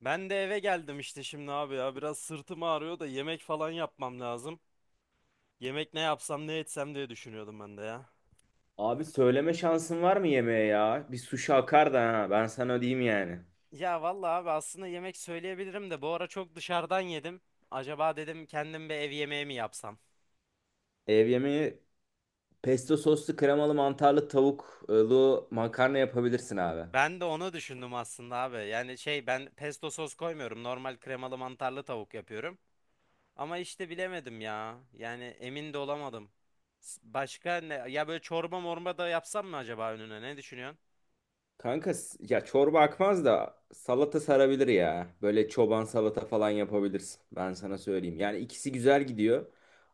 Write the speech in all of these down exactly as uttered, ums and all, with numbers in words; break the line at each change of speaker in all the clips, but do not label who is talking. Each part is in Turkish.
Ben de eve geldim işte şimdi abi ya biraz sırtım ağrıyor da yemek falan yapmam lazım. Yemek ne yapsam ne etsem diye düşünüyordum ben de ya.
Abi söyleme şansın var mı yemeğe ya? Bir suşi akar da ha. Ben sana diyeyim yani.
Ya vallahi abi aslında yemek söyleyebilirim de bu ara çok dışarıdan yedim. Acaba dedim kendim bir ev yemeği mi yapsam?
Ev yemeği pesto soslu kremalı mantarlı tavuklu makarna yapabilirsin abi.
Ben de onu düşündüm aslında abi. Yani şey ben pesto sos koymuyorum. Normal kremalı mantarlı tavuk yapıyorum. Ama işte bilemedim ya. Yani emin de olamadım. S- Başka ne? Ya böyle çorba morba da yapsam mı acaba önüne? Ne düşünüyorsun?
Kanka s- ya çorba akmaz da salata sarabilir ya. Böyle çoban salata falan yapabilirsin. Ben sana söyleyeyim. Yani ikisi güzel gidiyor.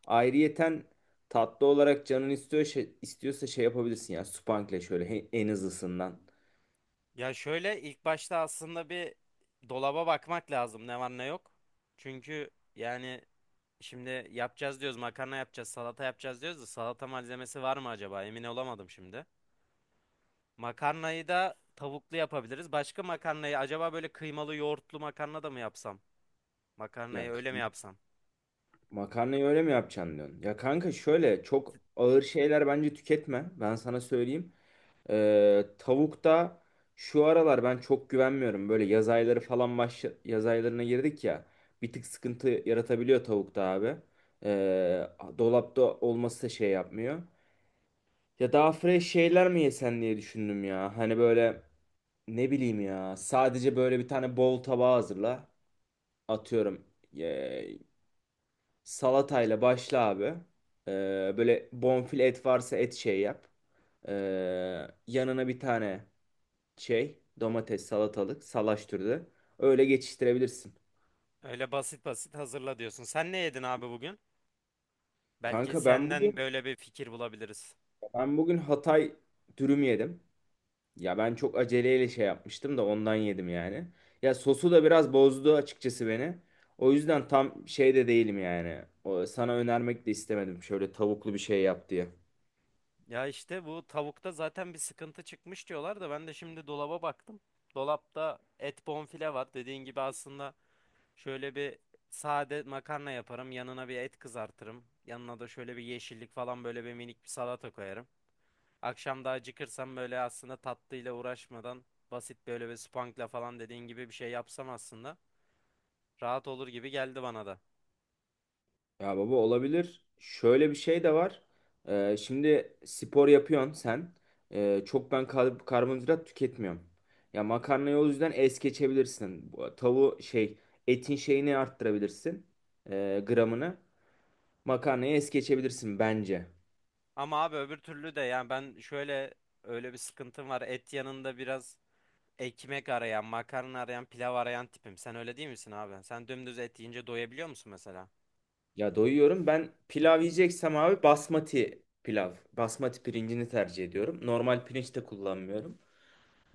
Ayrıyeten tatlı olarak canın istiyor, şey- istiyorsa şey yapabilirsin ya. Supangle şöyle he- en hızlısından.
Ya şöyle ilk başta aslında bir dolaba bakmak lazım ne var ne yok. Çünkü yani şimdi yapacağız diyoruz, makarna yapacağız, salata yapacağız diyoruz da salata malzemesi var mı acaba, emin olamadım şimdi. Makarnayı da tavuklu yapabiliriz. Başka makarnayı acaba böyle kıymalı yoğurtlu makarna da mı yapsam? Makarnayı
Yak.
öyle mi yapsam?
Makarnayı öyle mi yapacaksın diyorsun? Ya kanka şöyle çok ağır şeyler bence tüketme. Ben sana söyleyeyim. Ee, tavukta şu aralar ben çok güvenmiyorum. Böyle yaz ayları falan baş yaz aylarına girdik ya. Bir tık sıkıntı yaratabiliyor tavukta abi. Ee, Dolapta olması da şey yapmıyor. Ya daha fresh şeyler mi yesen diye düşündüm ya. Hani böyle ne bileyim ya. Sadece böyle bir tane bol tabağı hazırla. Atıyorum. Salatayla başla abi. Ee, böyle bonfile et varsa et şey yap. Ee, Yanına bir tane şey domates salatalık salaş türü. Öyle geçiştirebilirsin.
Öyle basit basit hazırla diyorsun. Sen ne yedin abi bugün? Belki
Kanka ben
senden
bugün
böyle bir fikir bulabiliriz.
ben bugün Hatay dürüm yedim. Ya ben çok aceleyle şey yapmıştım da ondan yedim yani. Ya sosu da biraz bozdu açıkçası beni. O yüzden tam şey de değilim yani. O, sana önermek de istemedim. Şöyle tavuklu bir şey yap diye.
Ya işte bu tavukta zaten bir sıkıntı çıkmış diyorlar da ben de şimdi dolaba baktım. Dolapta et, bonfile var. Dediğin gibi aslında şöyle bir sade makarna yaparım. Yanına bir et kızartırım. Yanına da şöyle bir yeşillik falan, böyle bir minik bir salata koyarım. Akşam da acıkırsam böyle aslında tatlıyla uğraşmadan basit böyle bir spankla falan dediğin gibi bir şey yapsam aslında rahat olur gibi geldi bana da.
Ya baba olabilir. Şöyle bir şey de var. Ee, şimdi spor yapıyorsun sen. Ee, çok ben kar- karbonhidrat tüketmiyorum. Ya makarnayı o yüzden es geçebilirsin. Bu tavuğu şey etin şeyini arttırabilirsin. Ee, gramını. Makarnayı es geçebilirsin bence.
Ama abi öbür türlü de yani ben şöyle öyle bir sıkıntım var. Et yanında biraz ekmek arayan, makarna arayan, pilav arayan tipim. Sen öyle değil misin abi? Sen dümdüz et yiyince doyabiliyor musun mesela?
Ya doyuyorum. Ben pilav yiyeceksem abi basmati pilav. Basmati pirincini tercih ediyorum. Normal pirinç de kullanmıyorum.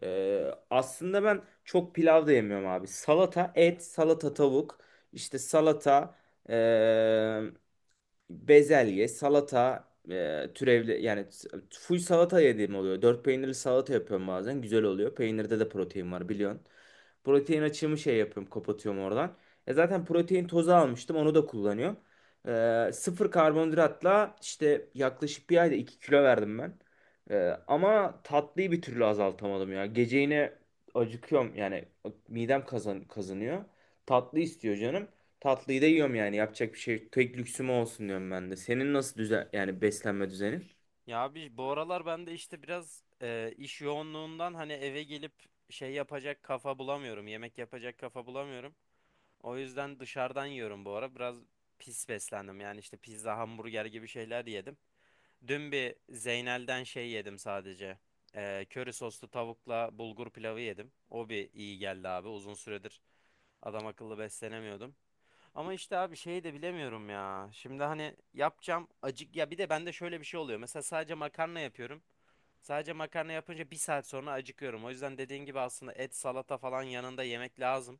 Ee, aslında ben çok pilav da yemiyorum abi. Salata, et, salata, tavuk, işte salata, ee, bezelye, salata e, türevli yani s- full salata yediğim oluyor. Dört peynirli salata yapıyorum bazen. Güzel oluyor. Peynirde de protein var biliyorsun. Protein açığımı şey yapıyorum, kapatıyorum oradan. E zaten protein tozu almıştım, onu da kullanıyorum. E, sıfır karbonhidratla işte yaklaşık bir ayda iki kilo verdim ben. E, ama tatlıyı bir türlü azaltamadım ya. Gece yine acıkıyorum yani midem kazan kazanıyor. Tatlı istiyor canım. Tatlıyı da yiyorum yani yapacak bir şey yok. Tek lüksüm o olsun diyorum ben de. Senin nasıl düzen yani beslenme düzenin?
Ya abi bu aralar ben de işte biraz e, iş yoğunluğundan hani eve gelip şey yapacak kafa bulamıyorum. Yemek yapacak kafa bulamıyorum. O yüzden dışarıdan yiyorum bu ara. Biraz pis beslendim. Yani işte pizza, hamburger gibi şeyler yedim. Dün bir Zeynel'den şey yedim sadece. E, köri soslu tavukla bulgur pilavı yedim. O bir iyi geldi abi. Uzun süredir adam akıllı beslenemiyordum. Ama işte abi şeyi de bilemiyorum ya. Şimdi hani yapacağım acık ya, bir de bende şöyle bir şey oluyor. Mesela sadece makarna yapıyorum. Sadece makarna yapınca bir saat sonra acıkıyorum. O yüzden dediğin gibi aslında et, salata falan yanında yemek lazım.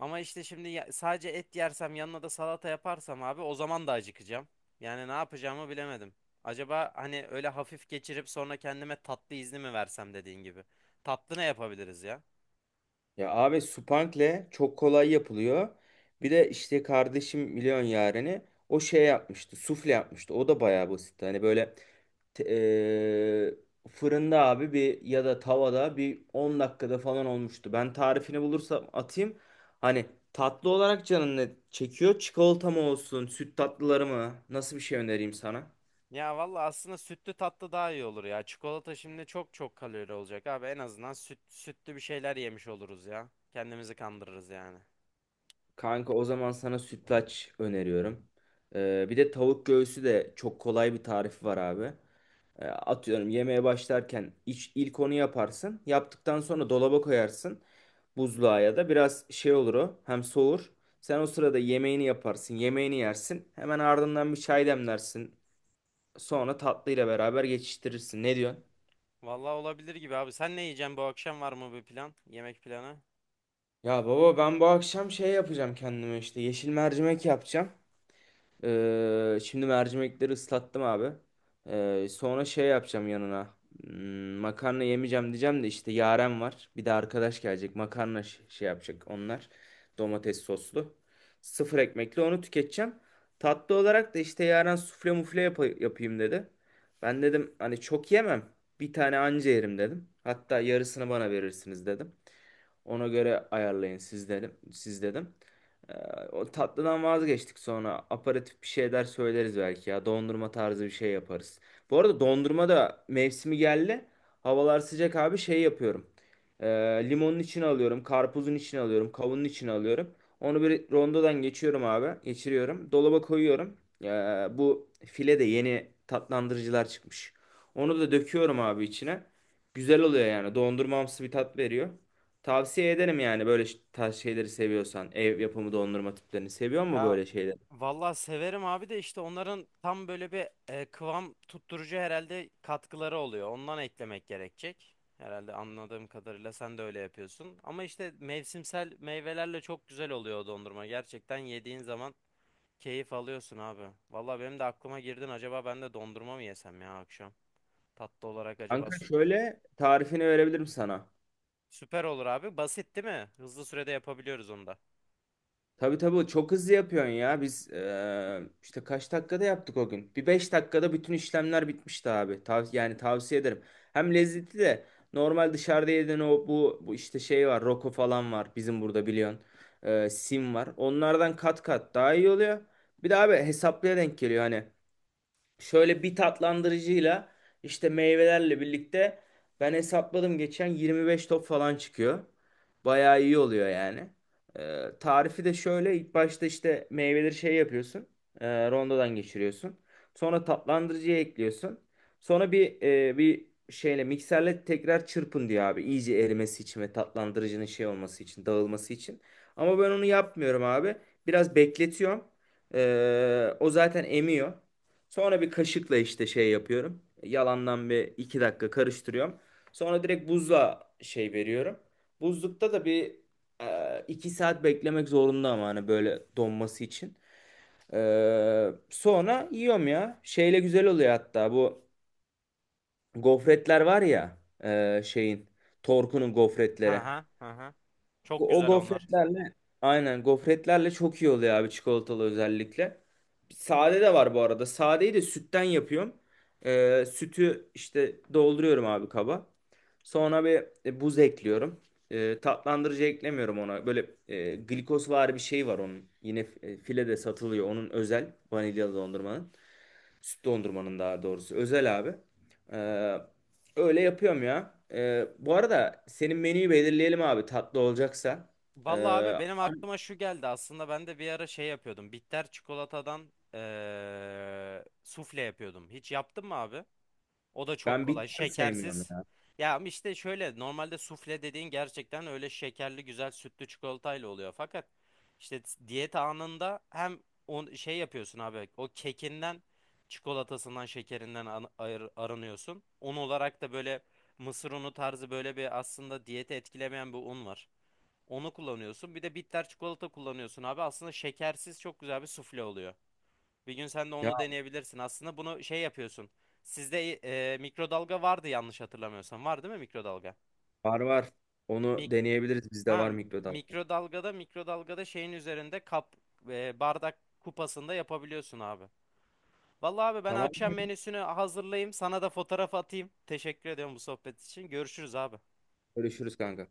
Ama işte şimdi ya- sadece et yersem yanına da salata yaparsam abi o zaman da acıkacağım. Yani ne yapacağımı bilemedim. Acaba hani öyle hafif geçirip sonra kendime tatlı izni mi versem dediğin gibi. Tatlı ne yapabiliriz ya?
Ya abi supankle çok kolay yapılıyor. Bir de işte kardeşim milyon yareni o şey yapmıştı, sufle yapmıştı, o da bayağı basit. Hani böyle te- eee, fırında abi bir ya da tavada bir on dakikada falan olmuştu. Ben tarifini bulursam atayım. Hani tatlı olarak canın ne çekiyor? Çikolata mı olsun, süt tatlıları mı? Nasıl bir şey önereyim sana?
Ya valla aslında sütlü tatlı daha iyi olur ya. Çikolata şimdi çok çok kalori olacak abi. En azından süt, sütlü bir şeyler yemiş oluruz ya. Kendimizi kandırırız yani.
Kanka o zaman sana sütlaç öneriyorum. Ee, bir de tavuk göğsü de çok kolay bir tarifi var abi. Ee, atıyorum, yemeğe başlarken iç, ilk onu yaparsın. Yaptıktan sonra dolaba koyarsın. Buzluğa ya da, biraz şey olur o, hem soğur. Sen o sırada yemeğini yaparsın, yemeğini yersin. Hemen ardından bir çay demlersin. Sonra tatlıyla beraber geçiştirirsin. Ne diyorsun?
Valla olabilir gibi abi. Sen ne yiyeceksin bu akşam, var mı bir plan? Yemek planı?
Ya baba, ben bu akşam şey yapacağım kendime, işte yeşil mercimek yapacağım. Ee, şimdi mercimekleri ıslattım abi. Ee, sonra şey yapacağım yanına. Hmm, Makarna yemeyeceğim diyeceğim de işte Yaren var. Bir de arkadaş gelecek. Makarna ş- şey yapacak onlar. Domates soslu. Sıfır ekmekli onu tüketeceğim. Tatlı olarak da işte Yaren sufle mufle yap- yapayım dedi. Ben dedim hani çok yemem. Bir tane anca yerim dedim. Hatta yarısını bana verirsiniz dedim. Ona göre ayarlayın siz dedim. Siz dedim. Ee, O tatlıdan vazgeçtik sonra. Aperatif bir şeyler söyleriz belki ya. Dondurma tarzı bir şey yaparız. Bu arada dondurma da mevsimi geldi. Havalar sıcak abi, şey yapıyorum. Ee, Limonun içine alıyorum. Karpuzun içine alıyorum. Kavunun içine alıyorum. Onu bir rondodan geçiyorum abi. Geçiriyorum. Dolaba koyuyorum. Ee, Bu file de yeni tatlandırıcılar çıkmış. Onu da döküyorum abi içine. Güzel oluyor yani. Dondurmamsı bir tat veriyor. Tavsiye ederim yani, böyle ş- tarz şeyleri seviyorsan. Ev yapımı dondurma tiplerini seviyor mu,
Ya
böyle şeyleri?
valla severim abi de işte onların tam böyle bir e, kıvam tutturucu herhalde katkıları oluyor. Ondan eklemek gerekecek. Herhalde anladığım kadarıyla sen de öyle yapıyorsun. Ama işte mevsimsel meyvelerle çok güzel oluyor o dondurma. Gerçekten yediğin zaman keyif alıyorsun abi. Valla benim de aklıma girdin. Acaba ben de dondurma mı yesem ya akşam? Tatlı olarak acaba
Kanka
süt.
şöyle tarifini verebilirim sana.
Süper olur abi. Basit değil mi? Hızlı sürede yapabiliyoruz onu da.
Tabii tabii, çok hızlı yapıyorsun ya. Biz eee, işte kaç dakikada yaptık o gün? Bir beş dakikada bütün işlemler bitmişti abi. Tav yani tavsiye ederim. Hem lezzetli de, normal dışarıda yediğin o bu, bu işte şey var. Roko falan var bizim burada biliyorsun. Eee, sim var. Onlardan kat kat daha iyi oluyor. Bir de abi hesaplıya denk geliyor hani. Şöyle bir tatlandırıcıyla, işte meyvelerle birlikte, ben hesapladım geçen yirmi beş top falan çıkıyor. Bayağı iyi oluyor yani. Ee, tarifi de şöyle: ilk başta işte meyveleri şey yapıyorsun. E, rondodan geçiriyorsun. Sonra tatlandırıcıya ekliyorsun. Sonra bir e, bir şeyle mikserle tekrar çırpın diyor abi. İyice erimesi için ve tatlandırıcının şey olması için, dağılması için. Ama ben onu yapmıyorum abi. Biraz bekletiyorum. Ee, o zaten emiyor. Sonra bir kaşıkla işte şey yapıyorum. Yalandan bir iki dakika karıştırıyorum. Sonra direkt buzla şey veriyorum. Buzlukta da bir e, iki saat beklemek zorunda, ama hani böyle donması için. E, sonra yiyorum ya. Şeyle güzel oluyor hatta, bu gofretler var ya, e, şeyin, Torku'nun
Hı
gofretleri.
hı hı. Hı. Çok
O
güzel onlar.
gofretlerle, aynen gofretlerle çok iyi oluyor abi, çikolatalı özellikle. Sade de var bu arada. Sadeyi de sütten yapıyorum. Ee, sütü işte dolduruyorum abi kaba. Sonra bir e, buz ekliyorum. Ee, tatlandırıcı eklemiyorum ona. Böyle e, glikozvari bir şey var onun. Yine e, filede satılıyor. Onun özel vanilyalı dondurmanın. Süt dondurmanın daha doğrusu. Özel abi. Ee, Öyle yapıyorum ya. Ee, bu arada senin menüyü belirleyelim abi, tatlı olacaksa.
Valla
Ee,
abi benim aklıma şu geldi. Aslında ben de bir ara şey yapıyordum. Bitter çikolatadan eee sufle yapıyordum. Hiç yaptın mı abi? O da çok
Ben
kolay.
bitter sevmiyorum
Şekersiz.
ya.
Ya ama işte şöyle normalde sufle dediğin gerçekten öyle şekerli güzel sütlü çikolatayla oluyor. Fakat işte t- diyet anında hem o şey yapıyorsun abi o kekinden çikolatasından şekerinden an- ayır- aranıyorsun. Un olarak da böyle mısır unu tarzı böyle bir aslında diyeti etkilemeyen bir un var. Onu kullanıyorsun. Bir de bitter çikolata kullanıyorsun abi. Aslında şekersiz çok güzel bir sufle oluyor. Bir gün sen de
Ya
onu deneyebilirsin. Aslında bunu şey yapıyorsun. Sizde e, mikrodalga vardı yanlış hatırlamıyorsam. Var değil mi mikrodalga?
var var. Onu
Mik
deneyebiliriz. Bizde
ha
var mikrodalga.
mikrodalgada mikrodalgada şeyin üzerinde kap e, bardak kupasında yapabiliyorsun abi. Vallahi abi ben
Tamam.
akşam menüsünü hazırlayayım. Sana da fotoğraf atayım. Teşekkür ediyorum bu sohbet için. Görüşürüz abi.
Görüşürüz kanka.